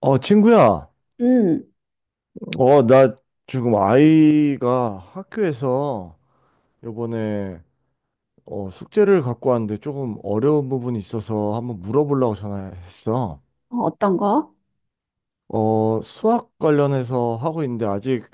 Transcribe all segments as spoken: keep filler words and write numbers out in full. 어, 친구야. 음, 어, 나 지금 아이가 학교에서 요번에 어, 숙제를 갖고 왔는데 조금 어려운 부분이 있어서 한번 물어보려고 전화했어. 어, 어떤 거? 어, 수학 관련해서 하고 있는데 아직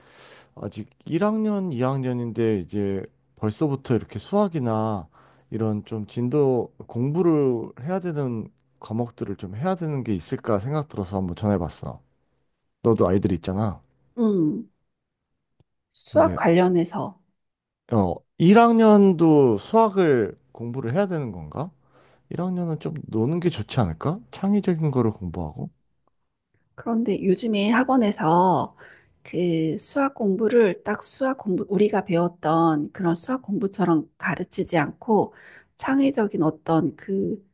아직 일 학년, 이 학년인데 이제 벌써부터 이렇게 수학이나 이런 좀 진도 공부를 해야 되는 과목들을 좀 해야 되는 게 있을까 생각 들어서 한번 전화해봤어. 너도 아이들 있잖아. 음, 수학 근데 관련해서. 어, 일 학년도 수학을 공부를 해야 되는 건가? 일 학년은 좀 노는 게 좋지 않을까? 창의적인 거를 공부하고? 그런데 요즘에 학원에서 그 수학 공부를 딱 수학 공부, 우리가 배웠던 그런 수학 공부처럼 가르치지 않고 창의적인 어떤 그,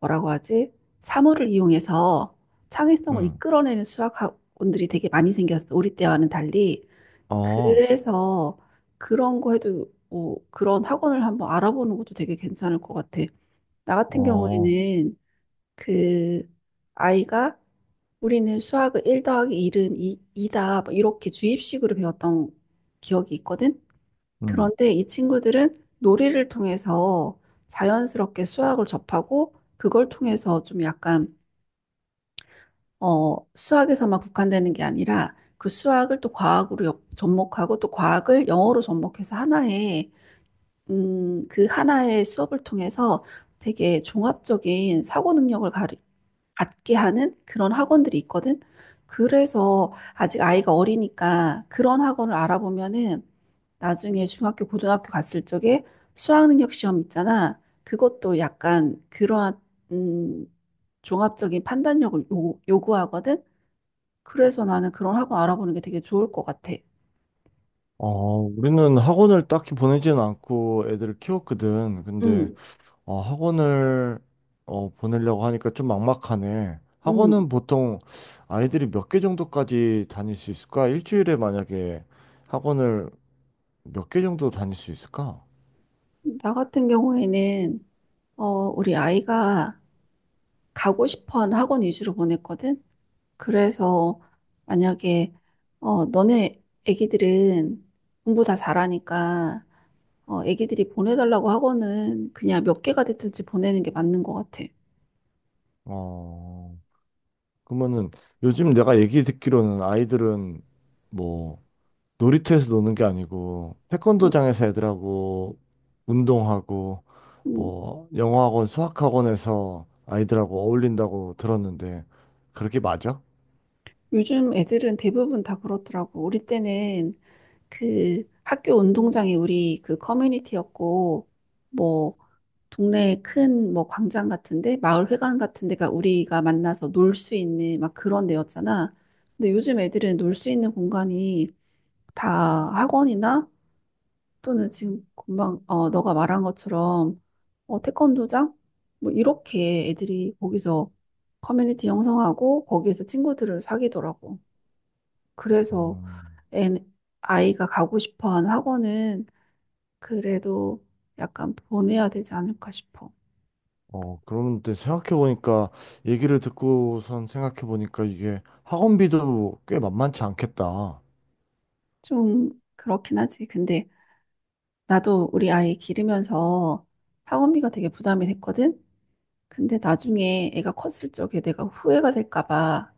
뭐라고 하지? 사물을 이용해서 창의성을 응. 이끌어내는 수학 학원들이 되게 많이 생겼어. 우리 때와는 달리. 어, 그래서 그런 거 해도, 어, 그런 학원을 한번 알아보는 것도 되게 괜찮을 것 같아. 나 같은 어, 경우에는 그 아이가 우리는 수학을 일 더하기 일은 이, 이다 뭐 이렇게 주입식으로 배웠던 기억이 있거든. 응. 그런데 이 친구들은 놀이를 통해서 자연스럽게 수학을 접하고 그걸 통해서 좀 약간 어, 수학에서만 국한되는 게 아니라 그 수학을 또 과학으로 역- 접목하고 또 과학을 영어로 접목해서 하나의 음, 그 하나의 수업을 통해서 되게 종합적인 사고 능력을 가리... 갖게 하는 그런 학원들이 있거든. 그래서 아직 아이가 어리니까 그런 학원을 알아보면은 나중에 중학교, 고등학교 갔을 적에 수학능력 시험 있잖아. 그것도 약간 그러한 음, 종합적인 판단력을 요, 요구하거든. 그래서 나는 그런 학원 알아보는 게 되게 좋을 것 같아. 어, 우리는 학원을 딱히 보내지는 않고 애들을 키웠거든. 근데, 음, 어, 학원을, 어, 보내려고 하니까 좀 막막하네. 학원은 음. 보통 아이들이 몇 개 정도까지 다닐 수 있을까? 일주일에 만약에 학원을 몇 개 정도 다닐 수 있을까? 나 같은 경우에는 어, 우리 아이가 가고 싶어 하는 학원 위주로 보냈거든. 그래서 만약에 어 너네 애기들은 공부 다 잘하니까 어 애기들이 보내달라고 하고는 그냥 몇 개가 됐든지 보내는 게 맞는 것 같아. 어, 그러면은 요즘 내가 얘기 듣기로는 아이들은 뭐 놀이터에서 노는 게 아니고 음, 태권도장에서 애들하고 운동하고 음. 뭐 영어학원, 수학학원에서 아이들하고 어울린다고 들었는데 그렇게 맞아? 요즘 애들은 대부분 다 그렇더라고. 우리 때는 그 학교 운동장이 우리 그 커뮤니티였고 뭐 동네 큰 뭐 광장 같은데 마을 회관 같은 데가 우리가 만나서 놀 수 있는 막 그런 데였잖아. 근데 요즘 애들은 놀 수 있는 공간이 다 학원이나 또는 지금 금방 어 너가 말한 것처럼 어 태권도장 뭐 이렇게 애들이 거기서 커뮤니티 형성하고 거기에서 친구들을 사귀더라고. 그래서 음. 애 아이가 가고 싶어하는 학원은 그래도 약간 보내야 되지 않을까 싶어. 어, 그런데 생각해보니까 얘기를 듣고선 생각해보니까 이게 학원비도 꽤 만만치 않겠다. 좀 그렇긴 하지. 근데 나도 우리 아이 기르면서 학원비가 되게 부담이 됐거든. 근데 나중에 애가 컸을 적에 내가 후회가 될까 봐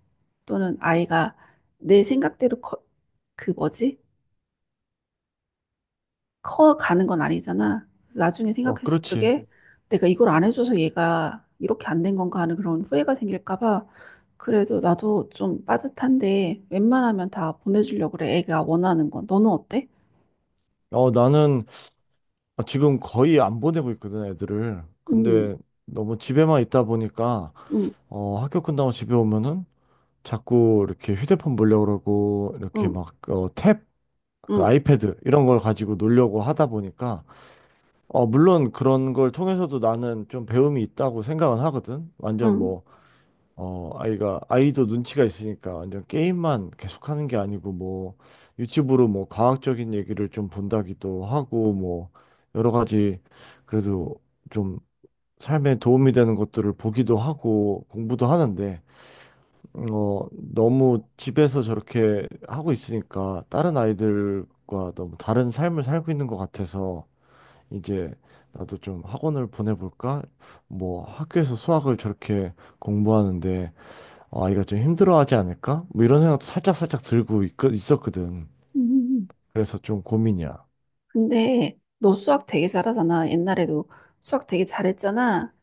또는 아이가 내 생각대로 커, 그 뭐지? 커 가는 건 아니잖아. 나중에 어, 생각했을 그렇지. 적에 내가 이걸 안 해줘서 얘가 이렇게 안 된 건가 하는 그런 후회가 생길까 봐 그래도 나도 좀 빠듯한데 웬만하면 다 보내주려고 그래. 애가 원하는 건. 너는 어때? 어, 나는 아, 지금 거의 안 보내고 있거든, 애들을. 음, 근데 너무 집에만 있다 보니까, 음, 어, 학교 끝나고 집에 오면은 자꾸 이렇게 휴대폰 보려고 그러고, 이렇게 음, 막, 어, 탭, 그 음, 아이패드, 이런 걸 가지고 놀려고 하다 보니까, 어, 물론 그런 걸 통해서도 나는 좀 배움이 있다고 생각은 하거든. 완전 음. 뭐, 어, 아이가, 아이도 눈치가 있으니까 완전 게임만 계속하는 게 아니고, 뭐, 유튜브로 뭐, 과학적인 얘기를 좀 본다기도 하고, 뭐, 여러 가지, 그래도 좀 삶에 도움이 되는 것들을 보기도 하고, 공부도 하는데, 음, 어, 너무 집에서 저렇게 하고 있으니까, 다른 아이들과 너무 다른 삶을 살고 있는 것 같아서, 이제, 나도 좀 학원을 보내볼까? 뭐, 학교에서 수학을 저렇게 공부하는데, 아, 이거 좀 힘들어하지 않을까? 뭐 이런 생각도 살짝살짝 들고 있, 있었거든. 음. 그래서 좀 고민이야. 근데 너 수학 되게 잘하잖아. 옛날에도 수학 되게 잘했잖아.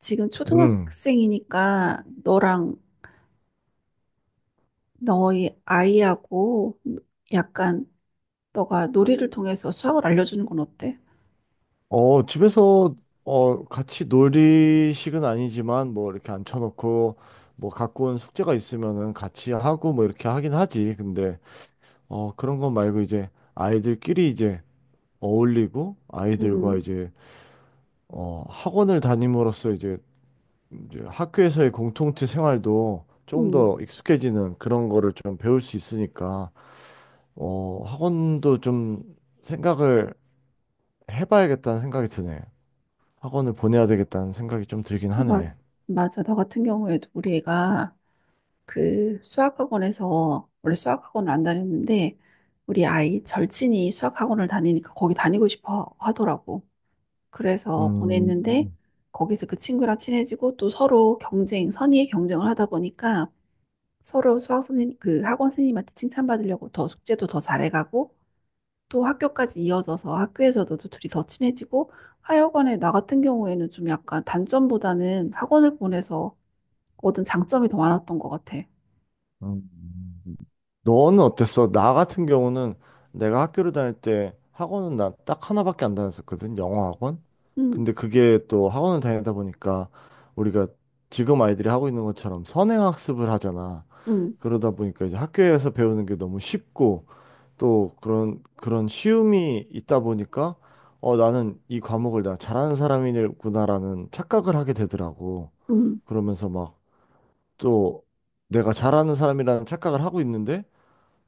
지금 음, 초등학생이니까 너랑 너희 아이하고 약간 너가 놀이를 통해서 수학을 알려주는 건 어때? 어, 집에서, 어, 같이 놀이식은 아니지만, 뭐, 이렇게 앉혀놓고, 뭐, 갖고 온 숙제가 있으면은 같이 하고, 뭐, 이렇게 하긴 하지. 근데, 어, 그런 건 말고, 이제, 아이들끼리 이제 어울리고, 아이들과 음, 이제, 어, 학원을 다님으로써 이제, 이제 학교에서의 공동체 생활도 좀 음. 더 익숙해지는 그런 거를 좀 배울 수 있으니까, 어, 학원도 좀 생각을 해봐야겠다는 생각이 드네. 학원을 보내야 되겠다는 생각이 좀 들긴 맞, 하네. 맞아. 나 같은 경우에도 우리 애가 그 수학학원에서 원래 수학학원을 안 다녔는데 우리 아이 절친이 수학학원을 다니니까 거기 다니고 싶어 하더라고. 그래서 보냈는데 음, 거기서 그 친구랑 친해지고 또 서로 경쟁, 선의의 경쟁을 하다 보니까 서로 수학 선생님, 그 학원 선생님한테 칭찬받으려고 더 숙제도 더 잘해가고 또 학교까지 이어져서 학교에서도 또 둘이 더 친해지고 하여간에 나 같은 경우에는 좀 약간 단점보다는 학원을 보내서 얻은 장점이 더 많았던 것 같아. 음. 너는 어땠어? 나 같은 경우는 내가 학교를 다닐 때 학원은 나 딱 하나밖에 안 다녔었거든. 영어 학원. 응. 근데 그게 또 학원을 다니다 보니까 우리가 지금 아이들이 하고 있는 것처럼 선행학습을 하잖아. 응. 그러다 보니까 이제 학교에서 배우는 게 너무 쉽고 또 그런 그런 쉬움이 있다 보니까 어 나는 이 과목을 내가 잘하는 사람이구나라는 착각을 하게 되더라고. 응. 그러면서 막 또 내가 잘하는 사람이라는 착각을 하고 있는데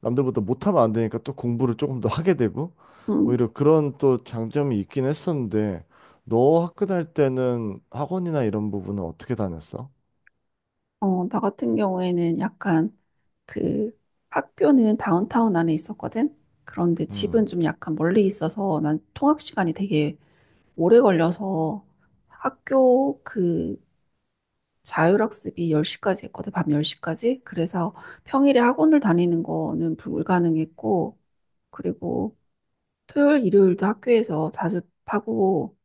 남들보다 못하면 안 되니까 또 공부를 조금 더 하게 되고 응. 오히려 그런 또 장점이 있긴 했었는데 너 학교 다닐 때는 학원이나 이런 부분은 어떻게 다녔어? 어, 나 같은 경우에는 약간 그 학교는 다운타운 안에 있었거든. 그런데 집은 음. 좀 약간 멀리 있어서 난 통학 시간이 되게 오래 걸려서 학교 그 자율학습이 열 시까지 했거든, 밤 열 시까지 그래서 평일에 학원을 다니는 거는 불가능했고, 그리고 토요일, 일요일도 학교에서 자습하고,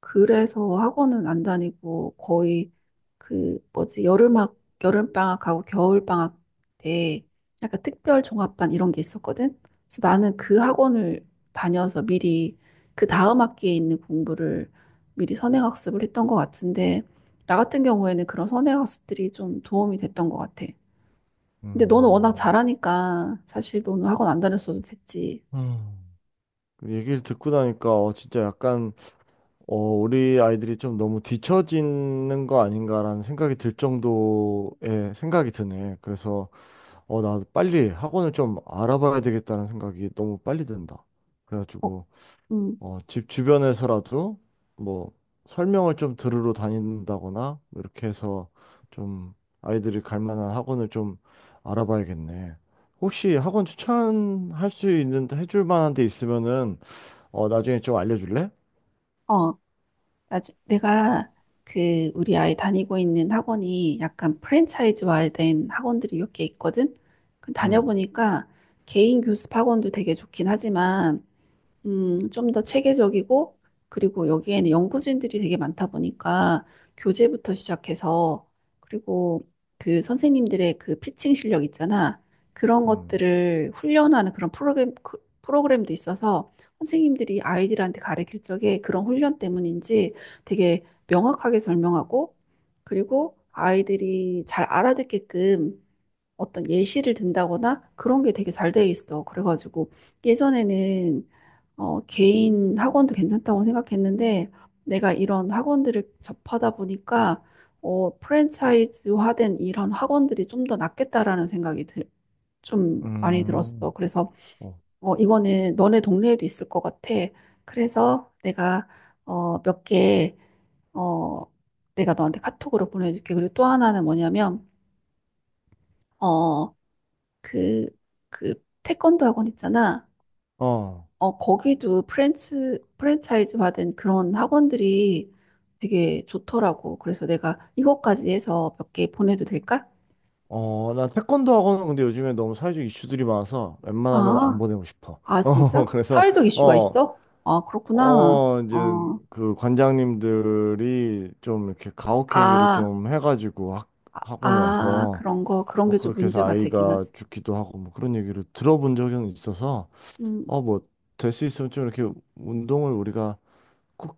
그래서 학원은 안 다니고 거의 그 뭐지 여름학 여름방학하고 겨울방학 때 약간 특별 종합반 이런 게 있었거든. 그래서 나는 그 학원을 다녀서 미리 그 다음 학기에 있는 공부를 미리 선행학습을 했던 것 같은데 나 같은 경우에는 그런 선행학습들이 좀 도움이 됐던 것 같아. 근데 너는 워낙 음, 잘하니까 사실 너는 학원 안 다녔어도 됐지. 음, 그 얘기를 듣고 나니까 어 진짜 약간 어, 우리 아이들이 좀 너무 뒤처지는 거 아닌가라는 생각이 들 정도의 생각이 드네. 그래서, 어, 나도 빨리 학원을 좀 알아봐야 되겠다는 생각이 너무 빨리 든다. 어. 그래가지고, 음. 어, 집 주변에서라도 뭐 설명을 좀 들으러 다닌다거나 이렇게 해서 좀 아이들이 갈 만한 학원을 좀 알아봐야겠네. 혹시 학원 추천할 수 있는, 해줄 만한 데 있으면은, 어, 나중에 좀 알려줄래? 어. 아, 내가 그 우리 아이 다니고 있는 학원이 약간 프랜차이즈화된 학원들이 몇 개 있거든. 그 응, 다녀보니까 개인 교습 학원도 되게 좋긴 하지만 음, 좀 더 체계적이고, 그리고 여기에는 연구진들이 되게 많다 보니까 교재부터 시작해서, 그리고 그 선생님들의 그 피칭 실력 있잖아. 그런 응. 것들을 훈련하는 그런 프로그램, 그- 프로그램도 있어서 선생님들이 아이들한테 가르칠 적에 그런 훈련 때문인지 되게 명확하게 설명하고, 그리고 아이들이 잘 알아듣게끔 어떤 예시를 든다거나 그런 게 되게 잘 돼 있어. 그래가지고 예전에는 어, 개인 학원도 괜찮다고 생각했는데, 내가 이런 학원들을 접하다 보니까, 어, 프랜차이즈화된 이런 학원들이 좀 더 낫겠다라는 생각이 들, 좀 많이 음, 들었어. 그래서, 어, 어, 이거는 너네 동네에도 있을 것 같아. 그래서 내가, 어, 몇 개, 어, 내가 너한테 카톡으로 보내줄게. 그리고 또 하나는 뭐냐면, 어, 그, 그, 태권도 학원 있잖아. 어, 어, 거기도 프랜츠, 프랜차이즈 받은 그런 학원들이 되게 좋더라고. 그래서 내가 이것까지 해서 몇 개 보내도 될까? 어, 나 태권도 학원은 근데 요즘에 너무 사회적 이슈들이 많아서 웬만하면 안 아, 보내고 싶어. 아, 어, 진짜? 그래서, 사회적 이슈가 어, 있어? 아, 그렇구나. 어, 이제 어, 그 관장님들이 좀 이렇게 가혹행위를 아, 좀 해가지고 학, 아, 학원에서 그런 거, 그런 뭐 게 좀 그렇게 해서 문제가 되긴 아이가 하지. 죽기도 하고 뭐 그런 얘기를 들어본 적은 있어서, 음, 어, 뭐, 될 수 있으면 좀 이렇게 운동을 우리가 꼭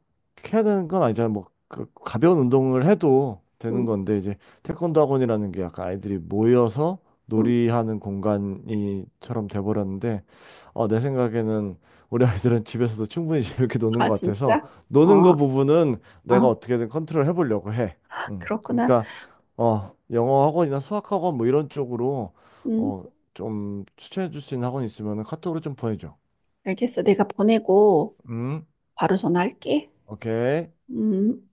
해야 되는 건 아니잖아요. 뭐 그, 가벼운 운동을 해도 되는 음, 건데 이제 태권도 학원이라는 게 약간 아이들이 모여서 음. 놀이하는 공간이처럼 돼버렸는데 어, 내 생각에는 우리 아이들은 집에서도 충분히 재밌게 노는 아, 것 같아서 진짜? 어, 노는 거 어, 부분은 내가 어떻게든 컨트롤 해보려고 해. 음. 그렇구나. 그러니까 어, 영어 학원이나 수학 학원 뭐 이런 쪽으로 음, 어, 좀 추천해 줄 수 있는 학원 이 있으면 카톡으로 좀 보내줘. 알겠어. 내가 보내고 음, 바로 전화할게. 오케이. 음.